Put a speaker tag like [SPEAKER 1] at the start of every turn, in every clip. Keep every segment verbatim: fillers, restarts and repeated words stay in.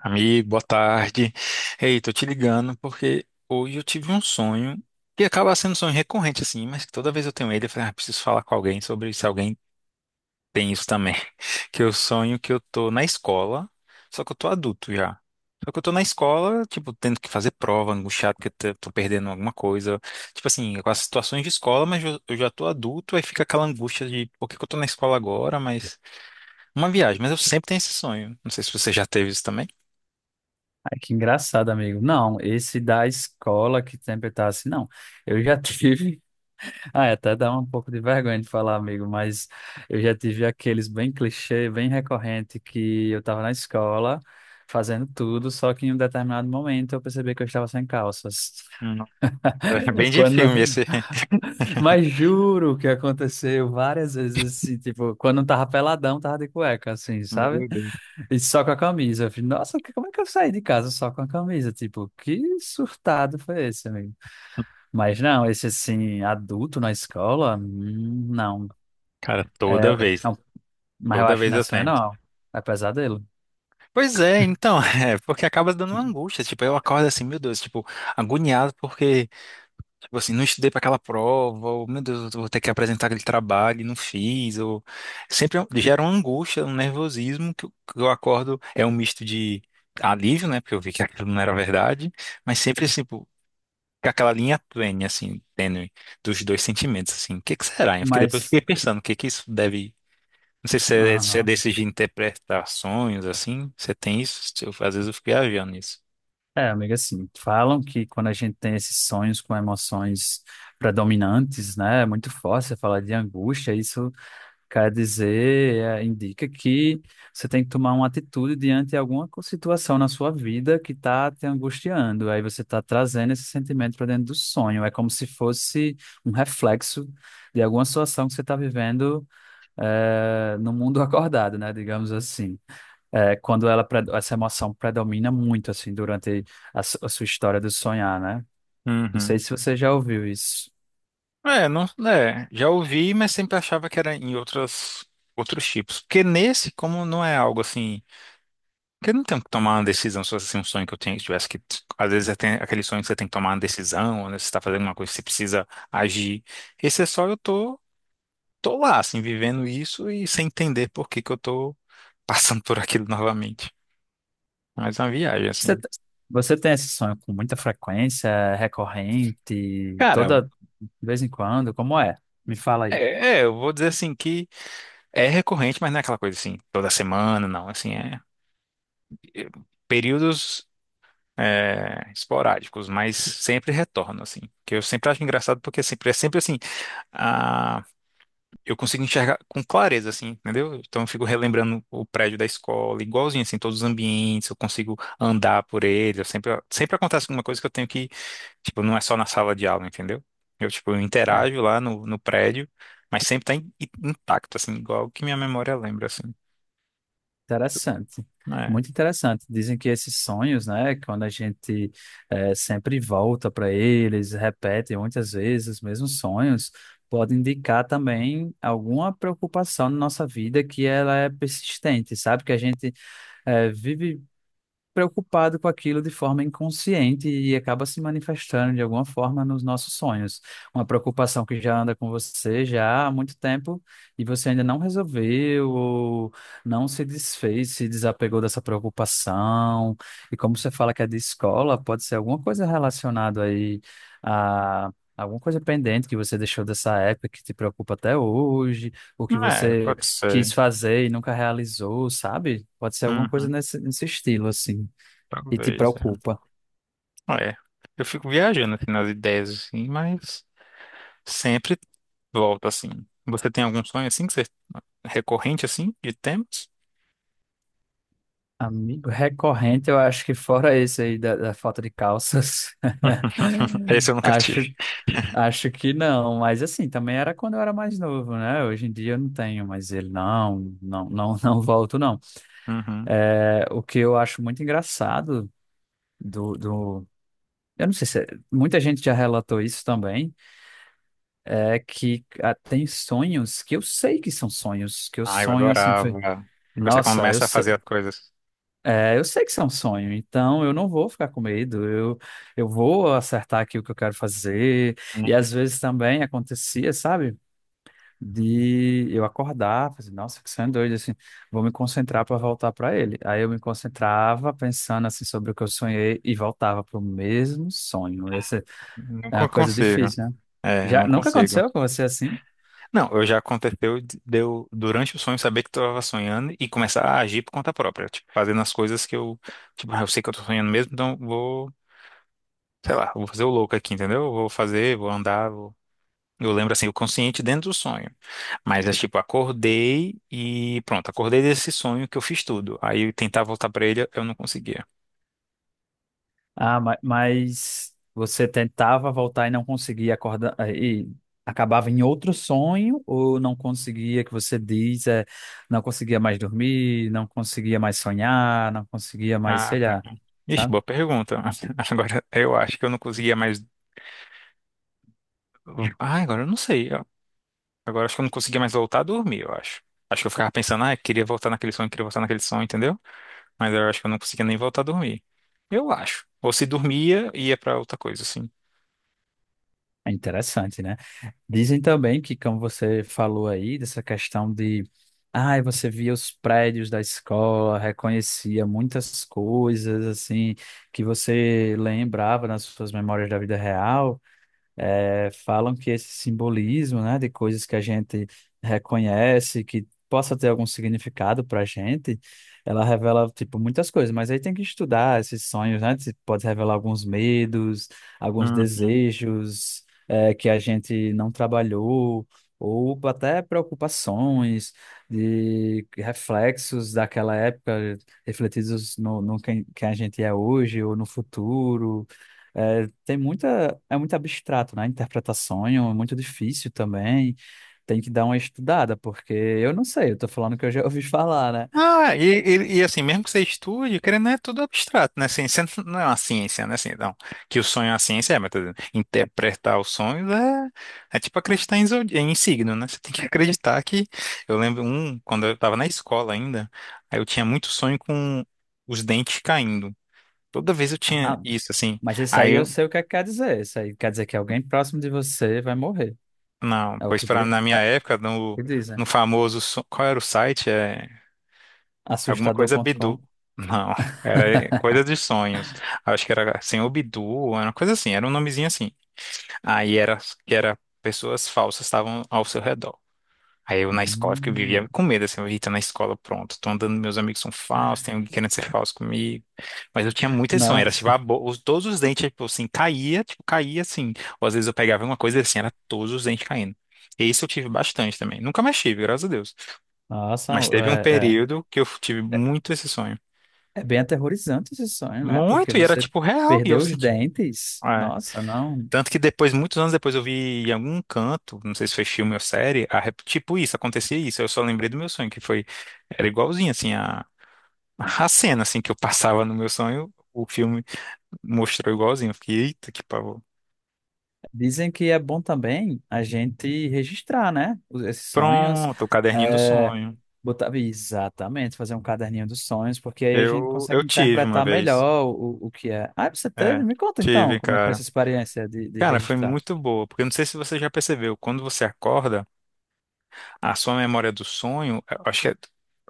[SPEAKER 1] Amigo, boa tarde. Ei, tô te ligando porque hoje eu tive um sonho que acaba sendo um sonho recorrente assim, mas que toda vez eu tenho ele, eu falei, ah, preciso falar com alguém sobre se alguém tem isso também. Que eu sonho que eu tô na escola, só que eu tô adulto já. Só que eu tô na escola, tipo, tendo que fazer prova, angustiado porque eu tô tô perdendo alguma coisa. Tipo assim, com as situações de escola, mas eu eu já tô adulto, aí fica aquela angústia de por que que eu tô na escola agora, mas uma viagem, mas eu sempre tenho esse sonho. Não sei se você já teve isso também.
[SPEAKER 2] Ai, que engraçado, amigo. Não, esse da escola que sempre tá assim, não. Eu já tive. Ah, até dá um pouco de vergonha de falar, amigo, mas eu já tive aqueles bem clichê, bem recorrente, que eu tava na escola fazendo tudo, só que em um determinado momento eu percebi que eu estava sem calças.
[SPEAKER 1] Nossa, é bem de
[SPEAKER 2] Quando...
[SPEAKER 1] filme esse.
[SPEAKER 2] Mas juro que aconteceu várias vezes assim, tipo, quando eu tava peladão, tava de cueca, assim, sabe?
[SPEAKER 1] Meu Deus.
[SPEAKER 2] E só com a camisa. Eu falei, nossa, que- como é que eu saí de casa só com a camisa? Tipo, que surtado foi esse, amigo? Mas não, esse assim, adulto na escola, hum, não.
[SPEAKER 1] Cara, toda
[SPEAKER 2] É,
[SPEAKER 1] vez.
[SPEAKER 2] não. Mas eu
[SPEAKER 1] Toda
[SPEAKER 2] acho que
[SPEAKER 1] vez
[SPEAKER 2] não é
[SPEAKER 1] eu
[SPEAKER 2] sonho,
[SPEAKER 1] tenho.
[SPEAKER 2] não. É pesadelo.
[SPEAKER 1] Pois é, então, é, porque acaba dando uma angústia. Tipo, eu acordo assim, meu Deus, tipo, agoniado porque tipo assim, não estudei para aquela prova, ou meu Deus, eu vou ter que apresentar aquele trabalho e não fiz, ou sempre gera uma angústia, um nervosismo que eu, que eu acordo, é um misto de alívio, né, porque eu vi que aquilo não era verdade, mas sempre assim, pô, com aquela linha tênue, assim, tênue dos dois sentimentos, assim, o que que será? Eu fiquei, depois eu
[SPEAKER 2] Mas,
[SPEAKER 1] fiquei pensando, o que que isso deve, não sei se é, se é
[SPEAKER 2] aham.
[SPEAKER 1] desses de interpretações, assim, você tem isso, eu- às vezes eu fico viajando nisso.
[SPEAKER 2] É, amiga, assim, falam que quando a gente tem esses sonhos com emoções predominantes, né, é muito forte, você fala de angústia, isso quer dizer, é, indica que você tem que tomar uma atitude diante de alguma co- situação na sua vida que está te angustiando. Aí você está trazendo esse sentimento para dentro do sonho. É como se fosse um reflexo de alguma situação que você está vivendo, é, no mundo acordado, né? Digamos assim. É, quando ela, pre- essa emoção predomina muito assim durante a, su- a sua história do sonhar, né? Não
[SPEAKER 1] Uhum.
[SPEAKER 2] sei se você já ouviu isso.
[SPEAKER 1] É, não, é, já ouvi, mas sempre achava que era em outras, outros tipos. Porque nesse, como não é algo assim. Porque eu não tenho que tomar uma decisão, se fosse assim, um sonho que eu tenho, que tivesse que. Às vezes é tem aquele sonho que você tem que tomar uma decisão, ou né, você está fazendo uma coisa que você precisa agir. Esse é só eu tô, tô lá, assim, vivendo isso e sem entender por que que eu tô passando por aquilo novamente. Mas é uma viagem, assim.
[SPEAKER 2] Você, te- você tem esse sonho com muita frequência, é recorrente,
[SPEAKER 1] Cara,
[SPEAKER 2] toda de vez em quando? Como é? Me fala aí.
[SPEAKER 1] é, é, eu vou dizer assim que é recorrente, mas não é aquela coisa assim, toda semana, não. Assim, é. É períodos, é, esporádicos, mas sempre retorno, assim. Que eu sempre acho engraçado porque sempre, é sempre assim, a, eu consigo enxergar com clareza, assim, entendeu? Então eu fico relembrando o prédio da escola, igualzinho, assim, todos os ambientes, eu consigo andar por eles, eu sempre, sempre acontece alguma coisa que eu tenho que, tipo, não é só na sala de aula, entendeu? Eu, tipo, eu
[SPEAKER 2] É
[SPEAKER 1] interajo lá no, no prédio, mas sempre tá in- intacto, assim, igual que minha memória lembra, assim.
[SPEAKER 2] interessante,
[SPEAKER 1] É,
[SPEAKER 2] muito interessante. Dizem que esses sonhos, né, quando a gente, é, sempre volta para eles, repete muitas vezes os mesmos sonhos, pode indicar também alguma preocupação na nossa vida que ela é persistente, sabe? Que a gente, é, vive preocupado com aquilo de forma inconsciente e acaba se manifestando de alguma forma nos nossos sonhos. Uma preocupação que já anda com você já há muito tempo e você ainda não resolveu ou não se desfez, se desapegou dessa preocupação. E como você fala que é de escola, pode ser alguma coisa relacionada aí a alguma coisa pendente que você deixou dessa época que te preocupa até hoje, ou que
[SPEAKER 1] é,
[SPEAKER 2] você
[SPEAKER 1] pode ser.
[SPEAKER 2] quis fazer e nunca realizou, sabe? Pode ser alguma coisa
[SPEAKER 1] Uhum,
[SPEAKER 2] nesse, nesse estilo, assim, e te
[SPEAKER 1] talvez, é.
[SPEAKER 2] preocupa.
[SPEAKER 1] Ah, é, eu fico viajando assim, nas ideias, assim, mas sempre volto assim. Você tem algum sonho assim que você recorrente assim de temas?
[SPEAKER 2] Amigo recorrente, eu acho que fora esse aí da, da falta de calças,
[SPEAKER 1] Esse eu nunca tive.
[SPEAKER 2] acho, acho que não, mas assim, também era quando eu era mais novo, né? Hoje em dia eu não tenho, mas ele não, não, não, não volto, não.
[SPEAKER 1] Uhum.
[SPEAKER 2] É, o que eu acho muito engraçado do, do, eu não sei se é- muita gente já relatou isso também, é que ah, tem sonhos que eu sei que são sonhos, que eu
[SPEAKER 1] Ah, eu
[SPEAKER 2] sonho assim, foi,
[SPEAKER 1] adorava. Que você
[SPEAKER 2] nossa, eu
[SPEAKER 1] começa a fazer as coisas.
[SPEAKER 2] é, eu sei que isso é um sonho, então eu não vou ficar com medo, eu, eu vou acertar aqui o que eu quero fazer. E
[SPEAKER 1] Não
[SPEAKER 2] às vezes também acontecia, sabe, de eu acordar, fazer, nossa, que sonho doido, assim, vou me concentrar para voltar para ele. Aí eu me concentrava pensando assim sobre o que eu sonhei e voltava para o mesmo sonho. Essa
[SPEAKER 1] não
[SPEAKER 2] é
[SPEAKER 1] con-
[SPEAKER 2] uma coisa
[SPEAKER 1] consigo.
[SPEAKER 2] difícil, né?
[SPEAKER 1] É,
[SPEAKER 2] Já
[SPEAKER 1] não
[SPEAKER 2] nunca
[SPEAKER 1] consigo.
[SPEAKER 2] aconteceu com você assim?
[SPEAKER 1] Não, eu já aconteceu de de eu, durante o sonho, saber que estava sonhando e começar a agir por conta própria. Tipo, fazendo as coisas que eu. Tipo, ah, eu sei que eu tô sonhando mesmo, então vou. Sei lá, vou fazer o louco aqui, entendeu? Vou fazer, vou andar, vou... Eu lembro assim, o consciente dentro do sonho. Mas é tipo, acordei e pronto, acordei desse sonho que eu fiz tudo. Aí eu tentar voltar pra ele, eu não conseguia.
[SPEAKER 2] Ah, ma- mas você tentava voltar e não conseguia acordar, eh, e acabava em outro sonho ou não conseguia, que você diz, é, não conseguia mais dormir, não conseguia mais sonhar, não conseguia mais,
[SPEAKER 1] Ah,
[SPEAKER 2] sei
[SPEAKER 1] cara.
[SPEAKER 2] lá,
[SPEAKER 1] Ixi,
[SPEAKER 2] sabe?
[SPEAKER 1] boa pergunta. Agora eu acho que eu não conseguia mais. Ah, agora eu não sei. Ó. Agora acho que eu não conseguia mais voltar a dormir, eu acho. Acho que eu ficava pensando, ah, eu queria voltar naquele sonho, queria voltar naquele sonho, entendeu? Mas eu acho que eu não conseguia nem voltar a dormir. Eu acho. Ou se dormia, ia pra outra coisa, assim.
[SPEAKER 2] É interessante, né? Dizem também que, como você falou aí, dessa questão de, ai, você via os prédios da escola, reconhecia muitas coisas, assim, que você lembrava nas suas memórias da vida real. Eh, falam que esse simbolismo, né, de coisas que a gente reconhece, que possa ter algum significado para a gente, ela revela, tipo, muitas coisas, mas aí tem que estudar esses sonhos, né, se pode revelar alguns medos, alguns
[SPEAKER 1] Uhum.
[SPEAKER 2] desejos, eh, que a gente não trabalhou, ou até preocupações, de reflexos daquela época refletidos no, no quem, quem a gente é hoje ou no futuro. É, tem muita, é muito abstrato, né? Interpretar sonho é muito difícil também. Tem que dar uma estudada, porque eu não sei, eu tô falando que eu já ouvi falar, né?
[SPEAKER 1] Ah, e, e, e assim, mesmo que você estude, querendo, ou não, é tudo abstrato, né? Ciência não é uma ciência, né? Assim, não. Que o sonho é uma ciência, é, mas tô dizendo, interpretar os sonhos é, é tipo acreditar em, zodi- em signo, né? Você tem que acreditar que. Eu lembro um, quando eu tava na escola ainda, aí eu tinha muito sonho com os dentes caindo. Toda vez eu tinha
[SPEAKER 2] Ah,
[SPEAKER 1] isso, assim.
[SPEAKER 2] mas isso
[SPEAKER 1] Aí
[SPEAKER 2] aí eu
[SPEAKER 1] eu.
[SPEAKER 2] sei o que é que quer dizer. Isso aí quer dizer que alguém próximo de você vai morrer.
[SPEAKER 1] Não,
[SPEAKER 2] É o
[SPEAKER 1] pois
[SPEAKER 2] que,
[SPEAKER 1] pra,
[SPEAKER 2] di-
[SPEAKER 1] na
[SPEAKER 2] é
[SPEAKER 1] minha
[SPEAKER 2] o
[SPEAKER 1] época, no,
[SPEAKER 2] que dizem.
[SPEAKER 1] no famoso. so- Qual era o site? É alguma coisa
[SPEAKER 2] assustador ponto com.
[SPEAKER 1] Bidu. Não, era coisa de sonhos. Acho que era Senhor Bidu, era uma coisa assim, era um nomezinho assim. Aí era que era pessoas falsas estavam ao seu redor. Aí eu na escola que eu
[SPEAKER 2] Hum,
[SPEAKER 1] vivia com medo, assim, eu ia na escola, pronto, tô andando, meus amigos são falsos, tem alguém querendo ser falso comigo. Mas eu tinha muito esse sonho, era tipo,
[SPEAKER 2] nossa,
[SPEAKER 1] a bo- os, todos os dentes, tipo assim, caía, tipo, caía assim. Ou às vezes eu pegava uma coisa assim, era todos os dentes caindo. E isso eu tive bastante também. Nunca mais tive, graças a Deus.
[SPEAKER 2] nossa,
[SPEAKER 1] Mas teve um
[SPEAKER 2] é,
[SPEAKER 1] período que eu tive
[SPEAKER 2] é, é
[SPEAKER 1] muito esse sonho.
[SPEAKER 2] é bem aterrorizante esse sonho, né? Porque
[SPEAKER 1] Muito, e era
[SPEAKER 2] você
[SPEAKER 1] tipo real, e eu
[SPEAKER 2] perdeu os
[SPEAKER 1] senti.
[SPEAKER 2] dentes.
[SPEAKER 1] É.
[SPEAKER 2] Nossa, não.
[SPEAKER 1] Tanto que depois, muitos anos depois, eu vi em algum canto, não sei se foi filme ou série, a rep- tipo isso, acontecia isso. Eu só lembrei do meu sonho, que foi. Era igualzinho, assim, a, a cena, assim, que eu passava no meu sonho, o filme mostrou igualzinho. Eu fiquei, eita, que pavor.
[SPEAKER 2] Dizem que é bom também a gente registrar, né? os- Esses sonhos.
[SPEAKER 1] Pronto, o caderninho do
[SPEAKER 2] É,
[SPEAKER 1] sonho.
[SPEAKER 2] botar, exatamente, fazer um caderninho dos sonhos, porque aí a gente
[SPEAKER 1] Eu,
[SPEAKER 2] consegue
[SPEAKER 1] eu tive uma
[SPEAKER 2] interpretar
[SPEAKER 1] vez.
[SPEAKER 2] melhor o, o que é. Ah, você teve?
[SPEAKER 1] É,
[SPEAKER 2] Me conta então,
[SPEAKER 1] tive,
[SPEAKER 2] como é que foi essa
[SPEAKER 1] cara.
[SPEAKER 2] experiência de, de
[SPEAKER 1] Cara, foi
[SPEAKER 2] registrar?
[SPEAKER 1] muito boa, porque eu não sei se você já percebeu, quando você acorda. A sua memória do sonho, eu acho que é,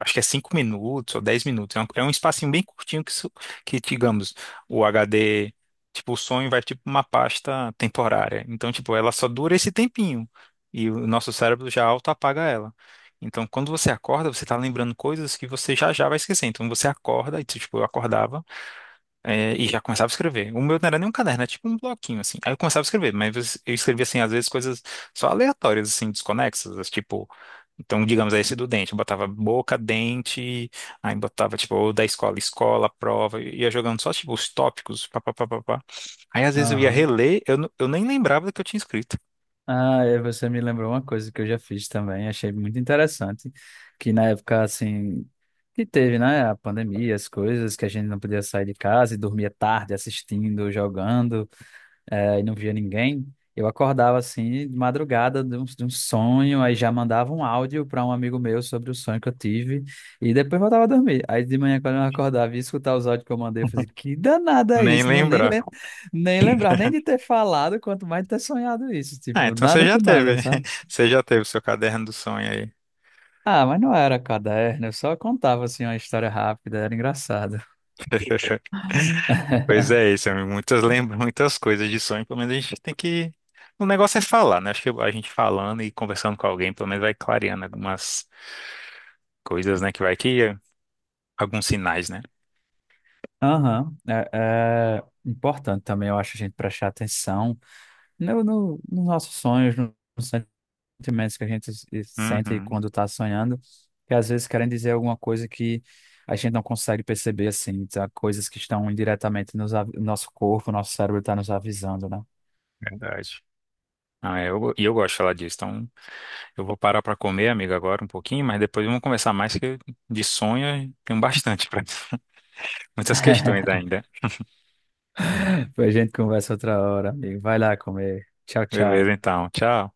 [SPEAKER 1] acho que é cinco minutos ou dez minutos. É um, é um espacinho bem curtinho que, isso- que, digamos, o agá dê, tipo, o sonho vai tipo uma pasta temporária. Então, tipo, ela só dura esse tempinho. E o nosso cérebro já auto-apaga ela. Então, quando você acorda, você tá lembrando coisas que você já já vai esquecer. Então, você acorda, e tipo, eu acordava. É, e já começava a escrever. O meu não era nem um caderno, era tipo um bloquinho, assim. Aí eu começava a escrever, mas eu eu escrevia, assim, às vezes coisas só aleatórias, assim, desconexas, tipo... Então, digamos, aí esse do dente, eu botava boca, dente, aí botava, tipo, ou da escola, escola, prova, e ia jogando só, tipo, os tópicos, pá, pá, pá, pá, pá. Aí, às vezes, eu ia
[SPEAKER 2] Aham.
[SPEAKER 1] reler, eu, não- eu nem lembrava do que eu tinha escrito.
[SPEAKER 2] Ah, e você me lembrou uma coisa que eu já fiz também, achei muito interessante, que na época, assim, que teve, né, a pandemia, as coisas, que a gente não podia sair de casa e dormia tarde assistindo, jogando, eh, e não via ninguém, eu acordava assim de madrugada de um, de um sonho, aí já mandava um áudio para um amigo meu sobre o sonho que eu tive, e depois voltava a dormir. Aí de manhã, quando eu acordava e ia escutar os áudios que eu mandei, eu fazia, que danada é
[SPEAKER 1] Nem
[SPEAKER 2] isso? Não, nem,
[SPEAKER 1] lembrava.
[SPEAKER 2] lem nem lembrar nem de ter falado, quanto mais de ter sonhado isso.
[SPEAKER 1] Ah,
[SPEAKER 2] Tipo,
[SPEAKER 1] então você
[SPEAKER 2] nada
[SPEAKER 1] já
[SPEAKER 2] com nada,
[SPEAKER 1] teve,
[SPEAKER 2] sabe?
[SPEAKER 1] você já teve o seu caderno do sonho aí.
[SPEAKER 2] Ah, mas não era caderno, eu só contava assim uma história rápida, era engraçado.
[SPEAKER 1] Pois é, isso, amigo. Muitas lembra muitas coisas de sonho, pelo menos a gente tem que. O negócio é falar, né? Acho que a gente falando e conversando com alguém, pelo menos vai clareando algumas coisas, né? Que vai que alguns sinais, né?
[SPEAKER 2] Aham, é, é importante também, eu acho, a gente prestar atenção no, no, nos nossos sonhos, no- nos sentimentos que a gente se- sente
[SPEAKER 1] Uhum,
[SPEAKER 2] quando está sonhando, que às vezes querem dizer alguma coisa que a gente não consegue perceber, assim, tá? Coisas que estão indiretamente nos, av- nosso corpo, nosso cérebro está nos avisando, né?
[SPEAKER 1] verdade. Ah, é, eu, e eu gosto de falar disso. Então, eu vou parar para comer, amigo, agora um pouquinho, mas depois vamos conversar mais, que de sonho tem bastante para muitas questões ainda.
[SPEAKER 2] Depois a gente conversa outra hora, amigo. Vai lá comer. Tchau,
[SPEAKER 1] Beleza,
[SPEAKER 2] tchau.
[SPEAKER 1] então. Tchau.